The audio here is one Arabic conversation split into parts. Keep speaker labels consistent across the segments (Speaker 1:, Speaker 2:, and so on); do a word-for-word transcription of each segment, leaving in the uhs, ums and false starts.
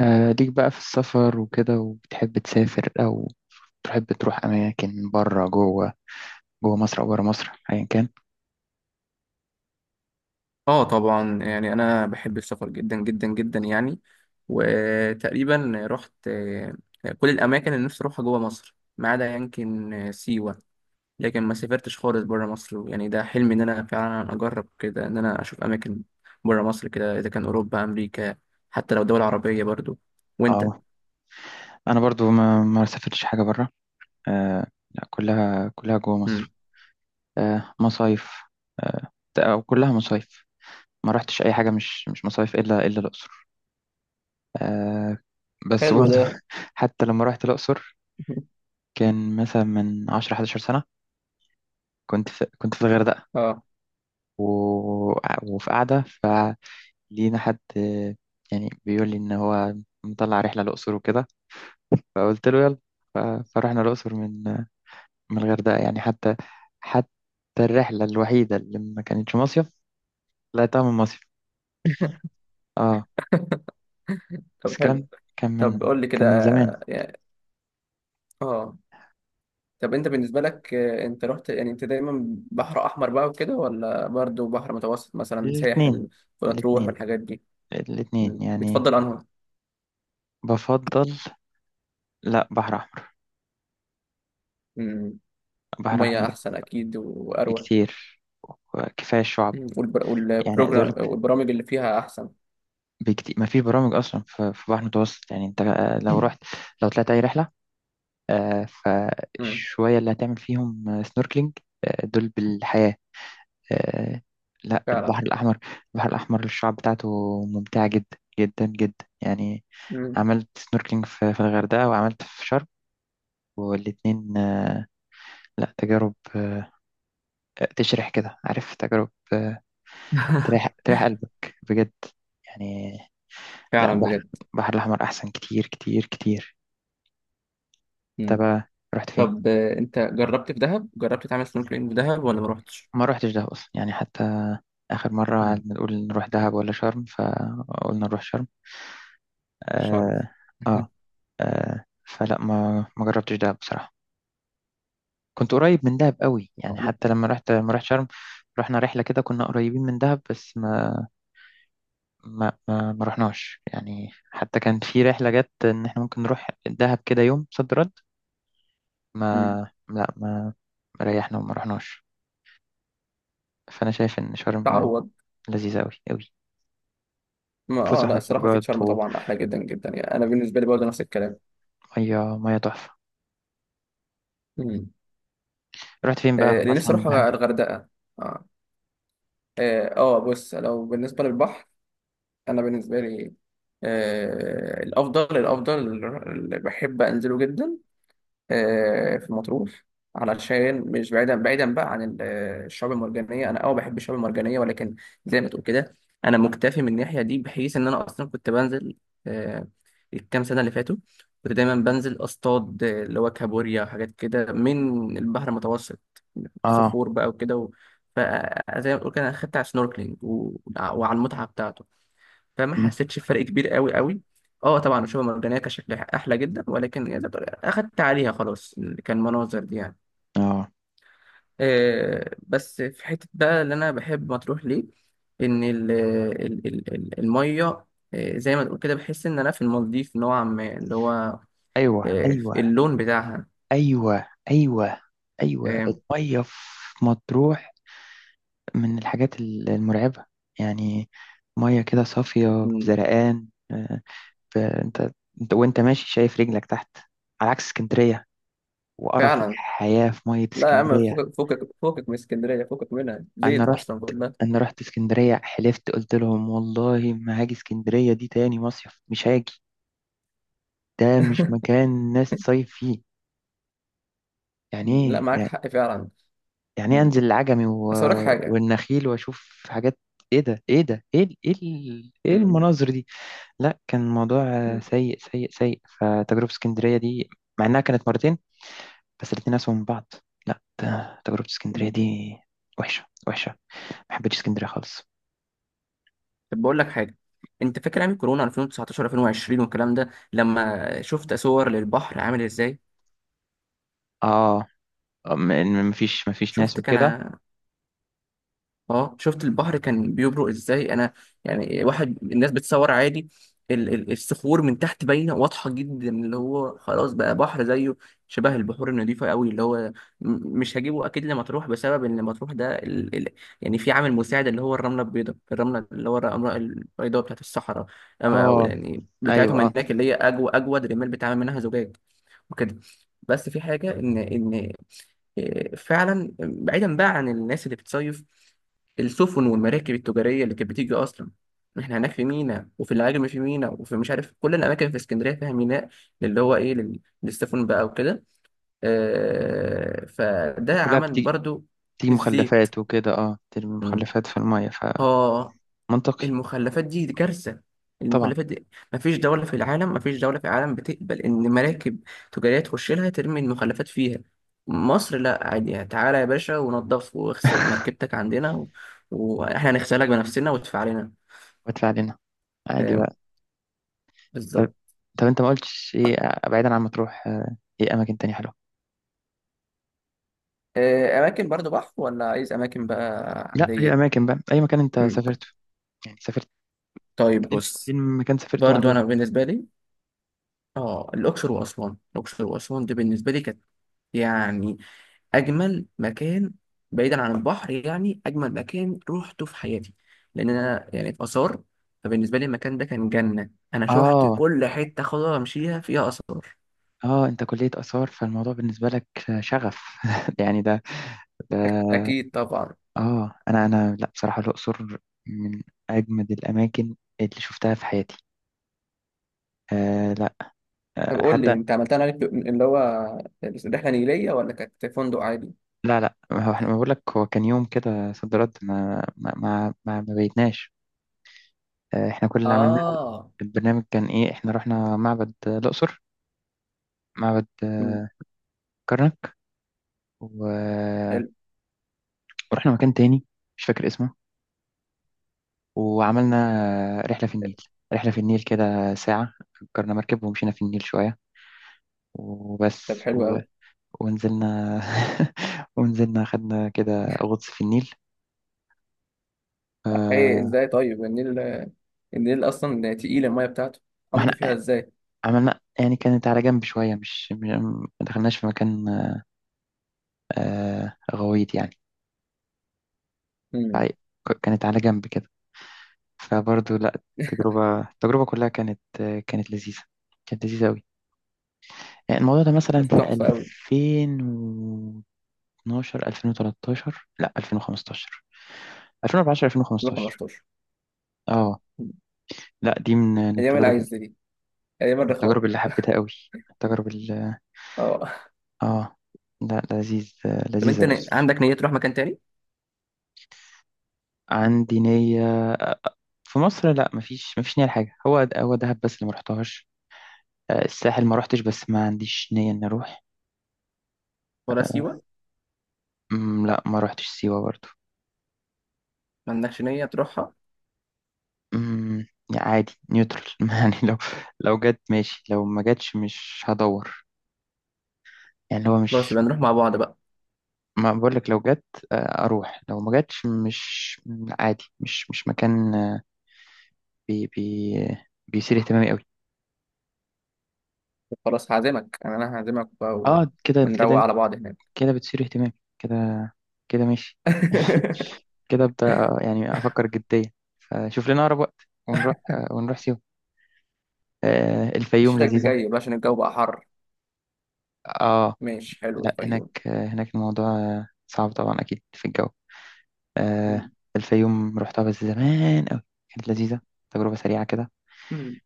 Speaker 1: آه ليك بقى في السفر وكده، وبتحب تسافر أو تحب تروح أماكن بره جوه؟ جوه مصر أو بره مصر أيا كان.
Speaker 2: اه طبعا يعني انا بحب السفر جدا جدا جدا يعني وتقريبا رحت آه، كل الاماكن اللي نفسي اروحها جوه مصر ما عدا يمكن آه، سيوه. لكن ما سافرتش خالص بره مصر، يعني ده حلمي ان انا فعلا اجرب كده ان انا اشوف اماكن بره مصر كده، اذا كان اوروبا امريكا، حتى لو دول عربيه برضو. وانت؟
Speaker 1: اه أنا برضو ما ما سافرتش حاجة بره. آه لا، كلها كلها جوه
Speaker 2: مم.
Speaker 1: مصر. آه مصايف، آه أو كلها مصايف. ما رحتش أي حاجة مش مش مصايف إلا إلا الأقصر. آه بس
Speaker 2: حلو
Speaker 1: برضو.
Speaker 2: ده.
Speaker 1: حتى لما رحت الأقصر، كان مثلا من عشرة حداشر سنة. كنت في كنت في الغردقة
Speaker 2: اه
Speaker 1: و... وفي قاعدة لينا حد آه، يعني بيقول لي ان هو مطلع رحله الاقصر وكده، فقلت له يلا. ف- فرحنا الاقصر من آه، من الغردقه. يعني حتى حتى الرحله الوحيده اللي ما كانتش مصيف، طلعتها من مصيف. اه بس
Speaker 2: طب حلو.
Speaker 1: الكلام كان
Speaker 2: طب
Speaker 1: من
Speaker 2: قول لي كده.
Speaker 1: كان من زمان.
Speaker 2: اه طب انت بالنسبه لك، آه، انت رحت، يعني انت دايما بحر احمر بقى وكده ولا برضو بحر متوسط مثلا
Speaker 1: الاثنين،
Speaker 2: ساحل ومطروح
Speaker 1: الاثنين،
Speaker 2: والحاجات دي؟
Speaker 1: الاثنين
Speaker 2: مم.
Speaker 1: يعني.
Speaker 2: بتفضل انهي؟
Speaker 1: بفضل، لا، بحر احمر.
Speaker 2: مم.
Speaker 1: بحر
Speaker 2: الميه
Speaker 1: احمر
Speaker 2: احسن اكيد واروق.
Speaker 1: بكتير، وكفايه الشعب.
Speaker 2: مم. والبر...
Speaker 1: يعني عايز اقول
Speaker 2: والبروجرام
Speaker 1: لك،
Speaker 2: والبرامج اللي فيها احسن.
Speaker 1: بكتير ما فيش برامج اصلا في في بحر متوسط. يعني انت لو رحت، لو طلعت اي رحله، آه،
Speaker 2: مم.
Speaker 1: فالشوية اللي هتعمل فيهم سنوركلينج دول بالحياة. آه، لا،
Speaker 2: فعلا.
Speaker 1: البحر الأحمر. البحر الأحمر الشعاب بتاعته ممتعة جدا جدا جدا يعني.
Speaker 2: مم.
Speaker 1: عملت سنوركلينج في في الغردقة، وعملت في شرم. والاتنين آه، لا تجارب، آه، تشرح كده عارف، تجارب آه، تريح تريح قلبك بجد يعني. لا
Speaker 2: فعلا
Speaker 1: البحر،
Speaker 2: بجد.
Speaker 1: البحر الأحمر أحسن كتير كتير كتير. انت
Speaker 2: مم.
Speaker 1: بقى رحت فين؟
Speaker 2: طب آه، انت جربت في دهب، جربت تعمل سنوركلينج في دهب ولا ما رحتش؟
Speaker 1: ما روحتش دهب أصلا يعني. حتى آخر مرة
Speaker 2: مم.
Speaker 1: قعدنا نقول نروح دهب ولا شرم، فقلنا نروح شرم.
Speaker 2: شرم.
Speaker 1: آه. آه. آه فلا ما ما جربتش دهب بصراحة. كنت قريب من دهب قوي، يعني حتى
Speaker 2: لا.
Speaker 1: لما رحت لما رحت شرم، رحنا رحلة كده كنا قريبين من دهب، بس ما ما ما, ما رحناش. يعني حتى كان في رحلة جت إن إحنا ممكن نروح دهب كده يوم صد رد. ما
Speaker 2: مم.
Speaker 1: لا، ما ما ريحنا وما رحناش. فأنا شايف إن شرم
Speaker 2: تعوض.
Speaker 1: لذيذة قوي قوي،
Speaker 2: ما اه
Speaker 1: فسح
Speaker 2: لا الصراحه اكيد
Speaker 1: وخروجات
Speaker 2: شرم طبعا احلى جدا جدا، يعني انا بالنسبه لي برضه نفس الكلام.
Speaker 1: ومية مية تحفة.
Speaker 2: مم.
Speaker 1: رحت فين بقى
Speaker 2: آه،
Speaker 1: آه،
Speaker 2: اللي نفسي
Speaker 1: مثلا
Speaker 2: اروح
Speaker 1: بحرم تل-
Speaker 2: الغردقه. اه اه آه، بص لو بالنسبه للبحر، انا بالنسبه لي، آه الافضل الافضل اللي بحب انزله جدا آه في مطروح، علشان مش بعيدا بعيدا بقى عن ال- آه، الشعاب المرجانيه. انا اه بحب الشعاب المرجانيه، ولكن زي ما تقول كده انا مكتفي من الناحيه دي، بحيث ان انا اصلا كنت بنزل آه الكام سنه اللي فاتوا، كنت دايما بنزل اصطاد، آه، اللي هو كابوريا وحاجات كده من البحر المتوسط،
Speaker 1: اه.
Speaker 2: صخور بقى وكده و... فزي ما بقول كده انا خدت على السنوركلينج و... وعلى المتعه بتاعته، فما
Speaker 1: م.
Speaker 2: حسيتش بفرق كبير قوي قوي. اه طبعا الشعاب المرجانيه كان شكلها احلى جدا، ولكن يعني اخدت عليها خلاص، كان مناظر دي يعني.
Speaker 1: اه
Speaker 2: آه، بس في حته بقى اللي انا بحب مطروح ليه، ان ال... ال... ال... ال- الميه، آه، زي ما تقول كده، بحس ان انا في المالديف نوعا ما، اللي هو
Speaker 1: ايوه
Speaker 2: آه،
Speaker 1: ايوه
Speaker 2: اللون بتاعها.
Speaker 1: ايوه ايوه. ايوه
Speaker 2: آه،
Speaker 1: الميه في مطروح من الحاجات ال- المرعبه يعني. ميه كده صافيه
Speaker 2: م،
Speaker 1: بزرقان، آه، فانت، انت وانت ماشي شايف رجلك تحت، على عكس اسكندريه وقرف
Speaker 2: فعلا.
Speaker 1: الحياه في ميه
Speaker 2: لا يا عم
Speaker 1: اسكندريه.
Speaker 2: فكك فكك فكك من اسكندرية، فكك منها،
Speaker 1: انا
Speaker 2: زيت
Speaker 1: رحت
Speaker 2: أصلا كلها.
Speaker 1: انا رحت اسكندريه، حلفت قلت لهم والله ما هاجي اسكندريه دي تاني. مصيف مش هاجي، ده مش مكان ناس تصيف فيه يعني.
Speaker 2: مم. لا معاك
Speaker 1: ايه
Speaker 2: حق فعلا.
Speaker 1: يعني إيه،
Speaker 2: مم.
Speaker 1: انزل العجمي و...
Speaker 2: بس أقول لك حاجة.
Speaker 1: والنخيل واشوف حاجات؟ ايه ده، ايه ده، ايه ال- ايه ال- ايه
Speaker 2: مم.
Speaker 1: المناظر دي؟ لا كان الموضوع آه،
Speaker 2: مم.
Speaker 1: سيء سيء سيء، فتجربة اسكندرية دي مع انها كانت مرتين، بس الاتنين اسوأ من بعض. لا ده- تجربة اسكندرية
Speaker 2: مم.
Speaker 1: دي وحشة وحشة، ما حبيتش اسكندرية خالص.
Speaker 2: طب بقول لك حاجه، انت فاكر ايام كورونا ألفين وتسعتاشر ألفين وعشرين والكلام ده، لما شفت صور للبحر عامل ازاي؟
Speaker 1: اه م- م- مفيش مفيش ناس
Speaker 2: شفت كان،
Speaker 1: وكده.
Speaker 2: اه شفت البحر كان بيبرق ازاي؟ انا يعني واحد الناس بتصور عادي، ال- ال- الصخور من تحت باينه واضحه جدا، اللي هو خلاص بقى بحر زيه شبه البحور النظيفه قوي. اللي هو م- مش هجيبه اكيد لمطروح، بسبب ان مطروح ده ال... ال... يعني في عامل مساعد اللي هو الرمله البيضاء، الرمله اللي هو الرمله البيضاء بتاعت الصحراء، أما- او
Speaker 1: اه
Speaker 2: يعني
Speaker 1: ايوه
Speaker 2: بتاعتهم
Speaker 1: اه.
Speaker 2: هناك، اللي هي اجود اجود رمال بيتعمل منها زجاج وكده. بس في حاجه ان ان آه، فعلا بعيدا بقى عن الناس اللي بتصيف، السفن والمراكب التجارية اللي كانت بتيجي أصلا. إحنا هناك في ميناء، وفي العجم في ميناء، وفي مش عارف كل الأماكن في اسكندرية فيها ميناء، اللي هو إيه لل- للسفن بقى وكده. آه، فده
Speaker 1: وكلها
Speaker 2: عمل
Speaker 1: بتيجي،
Speaker 2: برضو
Speaker 1: بتيجي
Speaker 2: الزيت.
Speaker 1: مخلفات وكده، اه ترمي
Speaker 2: مم.
Speaker 1: مخلفات في المية.
Speaker 2: آه
Speaker 1: فمنطقي.
Speaker 2: المخلفات دي كارثة،
Speaker 1: طبعا.
Speaker 2: المخلفات دي، مفيش دولة في العالم، مفيش دولة في العالم بتقبل إن مراكب تجارية تخش لها ترمي المخلفات فيها. مصر لا عادي، يعني تعالى يا باشا ونضف واغسل مركبتك عندنا و... وإحنا هنغسلك بنفسنا، وادفع لنا.
Speaker 1: وادفع لنا، عادي
Speaker 2: فاهم؟
Speaker 1: بقى. طب،
Speaker 2: بالظبط.
Speaker 1: طب انت ما قلتش ايه آه، بعيدا عن مطروح، آه، ايه اماكن تانية حلوه؟
Speaker 2: آه، أماكن برضو بحر ولا عايز أماكن بقى
Speaker 1: لا اي
Speaker 2: عادية؟
Speaker 1: اماكن بقى، اي مكان انت
Speaker 2: مم.
Speaker 1: سافرته. يعني سافرت
Speaker 2: طيب
Speaker 1: فين،
Speaker 2: بص،
Speaker 1: فين مكان سافرته
Speaker 2: برضو أنا
Speaker 1: وعجبك؟
Speaker 2: بالنسبة لي آه الأقصر وأسوان، الأقصر وأسوان دي بالنسبة لي كانت، يعني اجمل مكان بعيدا عن البحر، يعني اجمل مكان روحته في حياتي. لان انا يعني في اثار، فبالنسبه لي المكان ده كان جنه، انا شحت
Speaker 1: اه
Speaker 2: كل حته خضرا امشيها فيها اثار.
Speaker 1: اه، انت كليه اثار، فالموضوع بالنسبه لك آه، شغف. يعني ده، ده،
Speaker 2: أك- أكيد طبعا.
Speaker 1: اه انا انا لا بصراحه الاقصر من اجمد الاماكن اللي شفتها في حياتي. آه لا،
Speaker 2: طب
Speaker 1: آه
Speaker 2: قول لي
Speaker 1: حتى،
Speaker 2: أنت عملتها عليك اللي هو رحلة نيلية ولا كانت فندق عادي؟
Speaker 1: لا لا ما هو احنا بقول لك هو كان يوم كده صد رد، ما ما ما, ما ما بيتناش. آه، احنا كل اللي عملناه،
Speaker 2: آه.
Speaker 1: البرنامج كان ايه؟ احنا رحنا معبد آه، الأقصر، معبد آه،
Speaker 2: مم.
Speaker 1: كرنك و...
Speaker 2: حلو.
Speaker 1: ورحنا مكان تاني مش فاكر اسمه، وعملنا آه، رحلة في النيل. رحلة في النيل كده ساعة أجرنا مركب ومشينا في النيل شوية وبس.
Speaker 2: طب حلو
Speaker 1: و...
Speaker 2: أوي.
Speaker 1: ونزلنا، ونزلنا خدنا كده غطس في النيل.
Speaker 2: إيه
Speaker 1: آه،
Speaker 2: إزاي طيب النيل؟ النيل أصلا تقيل المية بتاعته،
Speaker 1: ما
Speaker 2: قمتوا فيها
Speaker 1: احنا
Speaker 2: إزاي؟
Speaker 1: عملنا يعني، كانت على جنب شوية، مش مش- ما دخلناش في مكان آه، غويط يعني.
Speaker 2: مم.
Speaker 1: فع- كانت على جنب كده. فبرضه لا، التجربة التجربة كلها كانت، كانت لذيذة، كانت لذيذة أوي. يعني الموضوع ده
Speaker 2: طب
Speaker 1: مثلا
Speaker 2: تحفة أوي.
Speaker 1: في ألفين واتناشر ألفين وتلتاشر لا ألفين وخمستاشر ألفين وأربعتاشر ألفين وخمسة عشر.
Speaker 2: ألفين وخمستاشر.
Speaker 1: اه.
Speaker 2: مم.
Speaker 1: لا دي من من
Speaker 2: أيام
Speaker 1: التجارب،
Speaker 2: العز دي، أيام الرخاء.
Speaker 1: التجارب اللي حبيتها أوي. التجارب اللي
Speaker 2: اه
Speaker 1: اه، لا لذيذ
Speaker 2: طب
Speaker 1: لذيذة
Speaker 2: انت ن-
Speaker 1: الأسر.
Speaker 2: عندك نية تروح مكان تاني؟
Speaker 1: عندي نية، في مصر لا، مفيش مفيش نية لحاجة. هو هو دهب بس اللي مرحتهاش، آه، الساحل ما روحتش بس ما عنديش نية إني أروح.
Speaker 2: ولا سيوة؟
Speaker 1: أمم، لا ما روحتش سيوة برضه.
Speaker 2: ما عندكش نية تروحها؟
Speaker 1: أمم، يعني عادي نيوترال. يعني لو، لو جت ماشي، لو ما جاتش مش هدور. يعني اللي هو
Speaker 2: خلاص
Speaker 1: مش،
Speaker 2: يبقى نروح مع بعض بقى.
Speaker 1: ما بقول لك لو جت، آه، اروح، لو ما جاتش مش، عادي. مش مش مكان آه، بي بي بيثير اهتمامي قوي.
Speaker 2: خلاص هعزمك، يعني انا هعزمك بقى و...
Speaker 1: اه كده
Speaker 2: ونروق
Speaker 1: كده،
Speaker 2: على بعض هناك.
Speaker 1: كده بتثير اهتمامي، كده، كده ماشي. كده ابدا، آه، يعني افكر جديا، فشوف لنا اقرب وقت ونروح، آه، ونروح سيوه. آه، الفيوم
Speaker 2: الشتاء
Speaker 1: لذيذة.
Speaker 2: الجاي بقى عشان الجو بقى حر.
Speaker 1: اه
Speaker 2: ماشي حلو
Speaker 1: لا هناك،
Speaker 2: الفيوم.
Speaker 1: آه، هناك الموضوع آه، صعب طبعا اكيد في الجو. آه.
Speaker 2: مم.
Speaker 1: الفيوم رحتها بس زمان قوي، كانت لذيذة، تجربة سريعة كده.
Speaker 2: مم.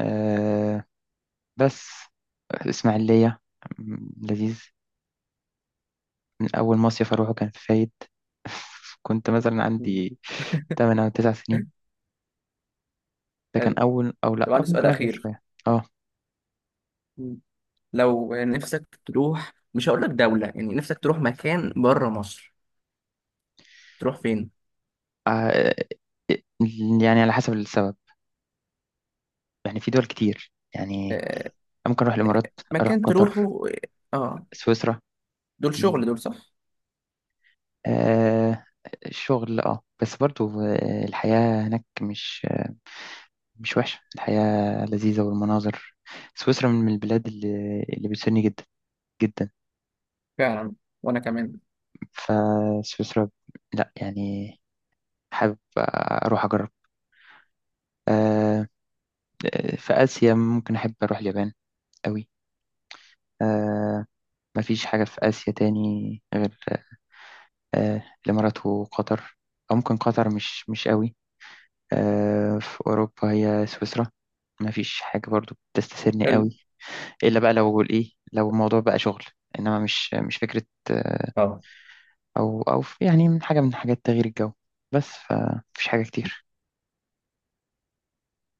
Speaker 1: آه بس إسماعيلية م- لذيذ. من أول مصيف أروحه كان في فايد. كنت مثلا
Speaker 2: مم.
Speaker 1: عندي تمن أو تسعة سنين، ده كان
Speaker 2: حلو.
Speaker 1: أول، أو لأ
Speaker 2: طب
Speaker 1: أو
Speaker 2: عندي سؤال
Speaker 1: ممكن أكبر
Speaker 2: أخير.
Speaker 1: شوية. أه.
Speaker 2: مم. لو نفسك تروح، مش هقول لك دولة، يعني نفسك تروح مكان بره مصر، تروح فين؟
Speaker 1: آه، يعني على حسب السبب. يعني في دول كتير يعني،
Speaker 2: آه
Speaker 1: ممكن أروح الإمارات، أروح
Speaker 2: مكان
Speaker 1: قطر،
Speaker 2: تروحه. اه
Speaker 1: سويسرا.
Speaker 2: دول
Speaker 1: م-
Speaker 2: شغل، دول صح.
Speaker 1: آه الشغل أه، بس برضو آه، الحياة هناك مش، مش وحشة. الحياة لذيذة والمناظر. سويسرا من البلاد اللي, اللي بتسني جدا جدا.
Speaker 2: فعلا وأنا كمان.
Speaker 1: فسويسرا لا يعني، حابب أروح أجرب. آه، في آسيا ممكن أحب أروح اليابان أوي. آه، مفيش حاجة في آسيا تاني غير آه، الإمارات وقطر. أو ممكن قطر مش مش أوي. آه، في أوروبا هي سويسرا، مفيش حاجة برضو بتستسرني
Speaker 2: حلو.
Speaker 1: أوي. إلا بقى لو إيه، لو الموضوع بقى شغل. إنما مش مش فكرة.
Speaker 2: اه
Speaker 1: او او في- يعني من حاجه، من حاجات تغيير الجو. بس فمفيش حاجه كتير.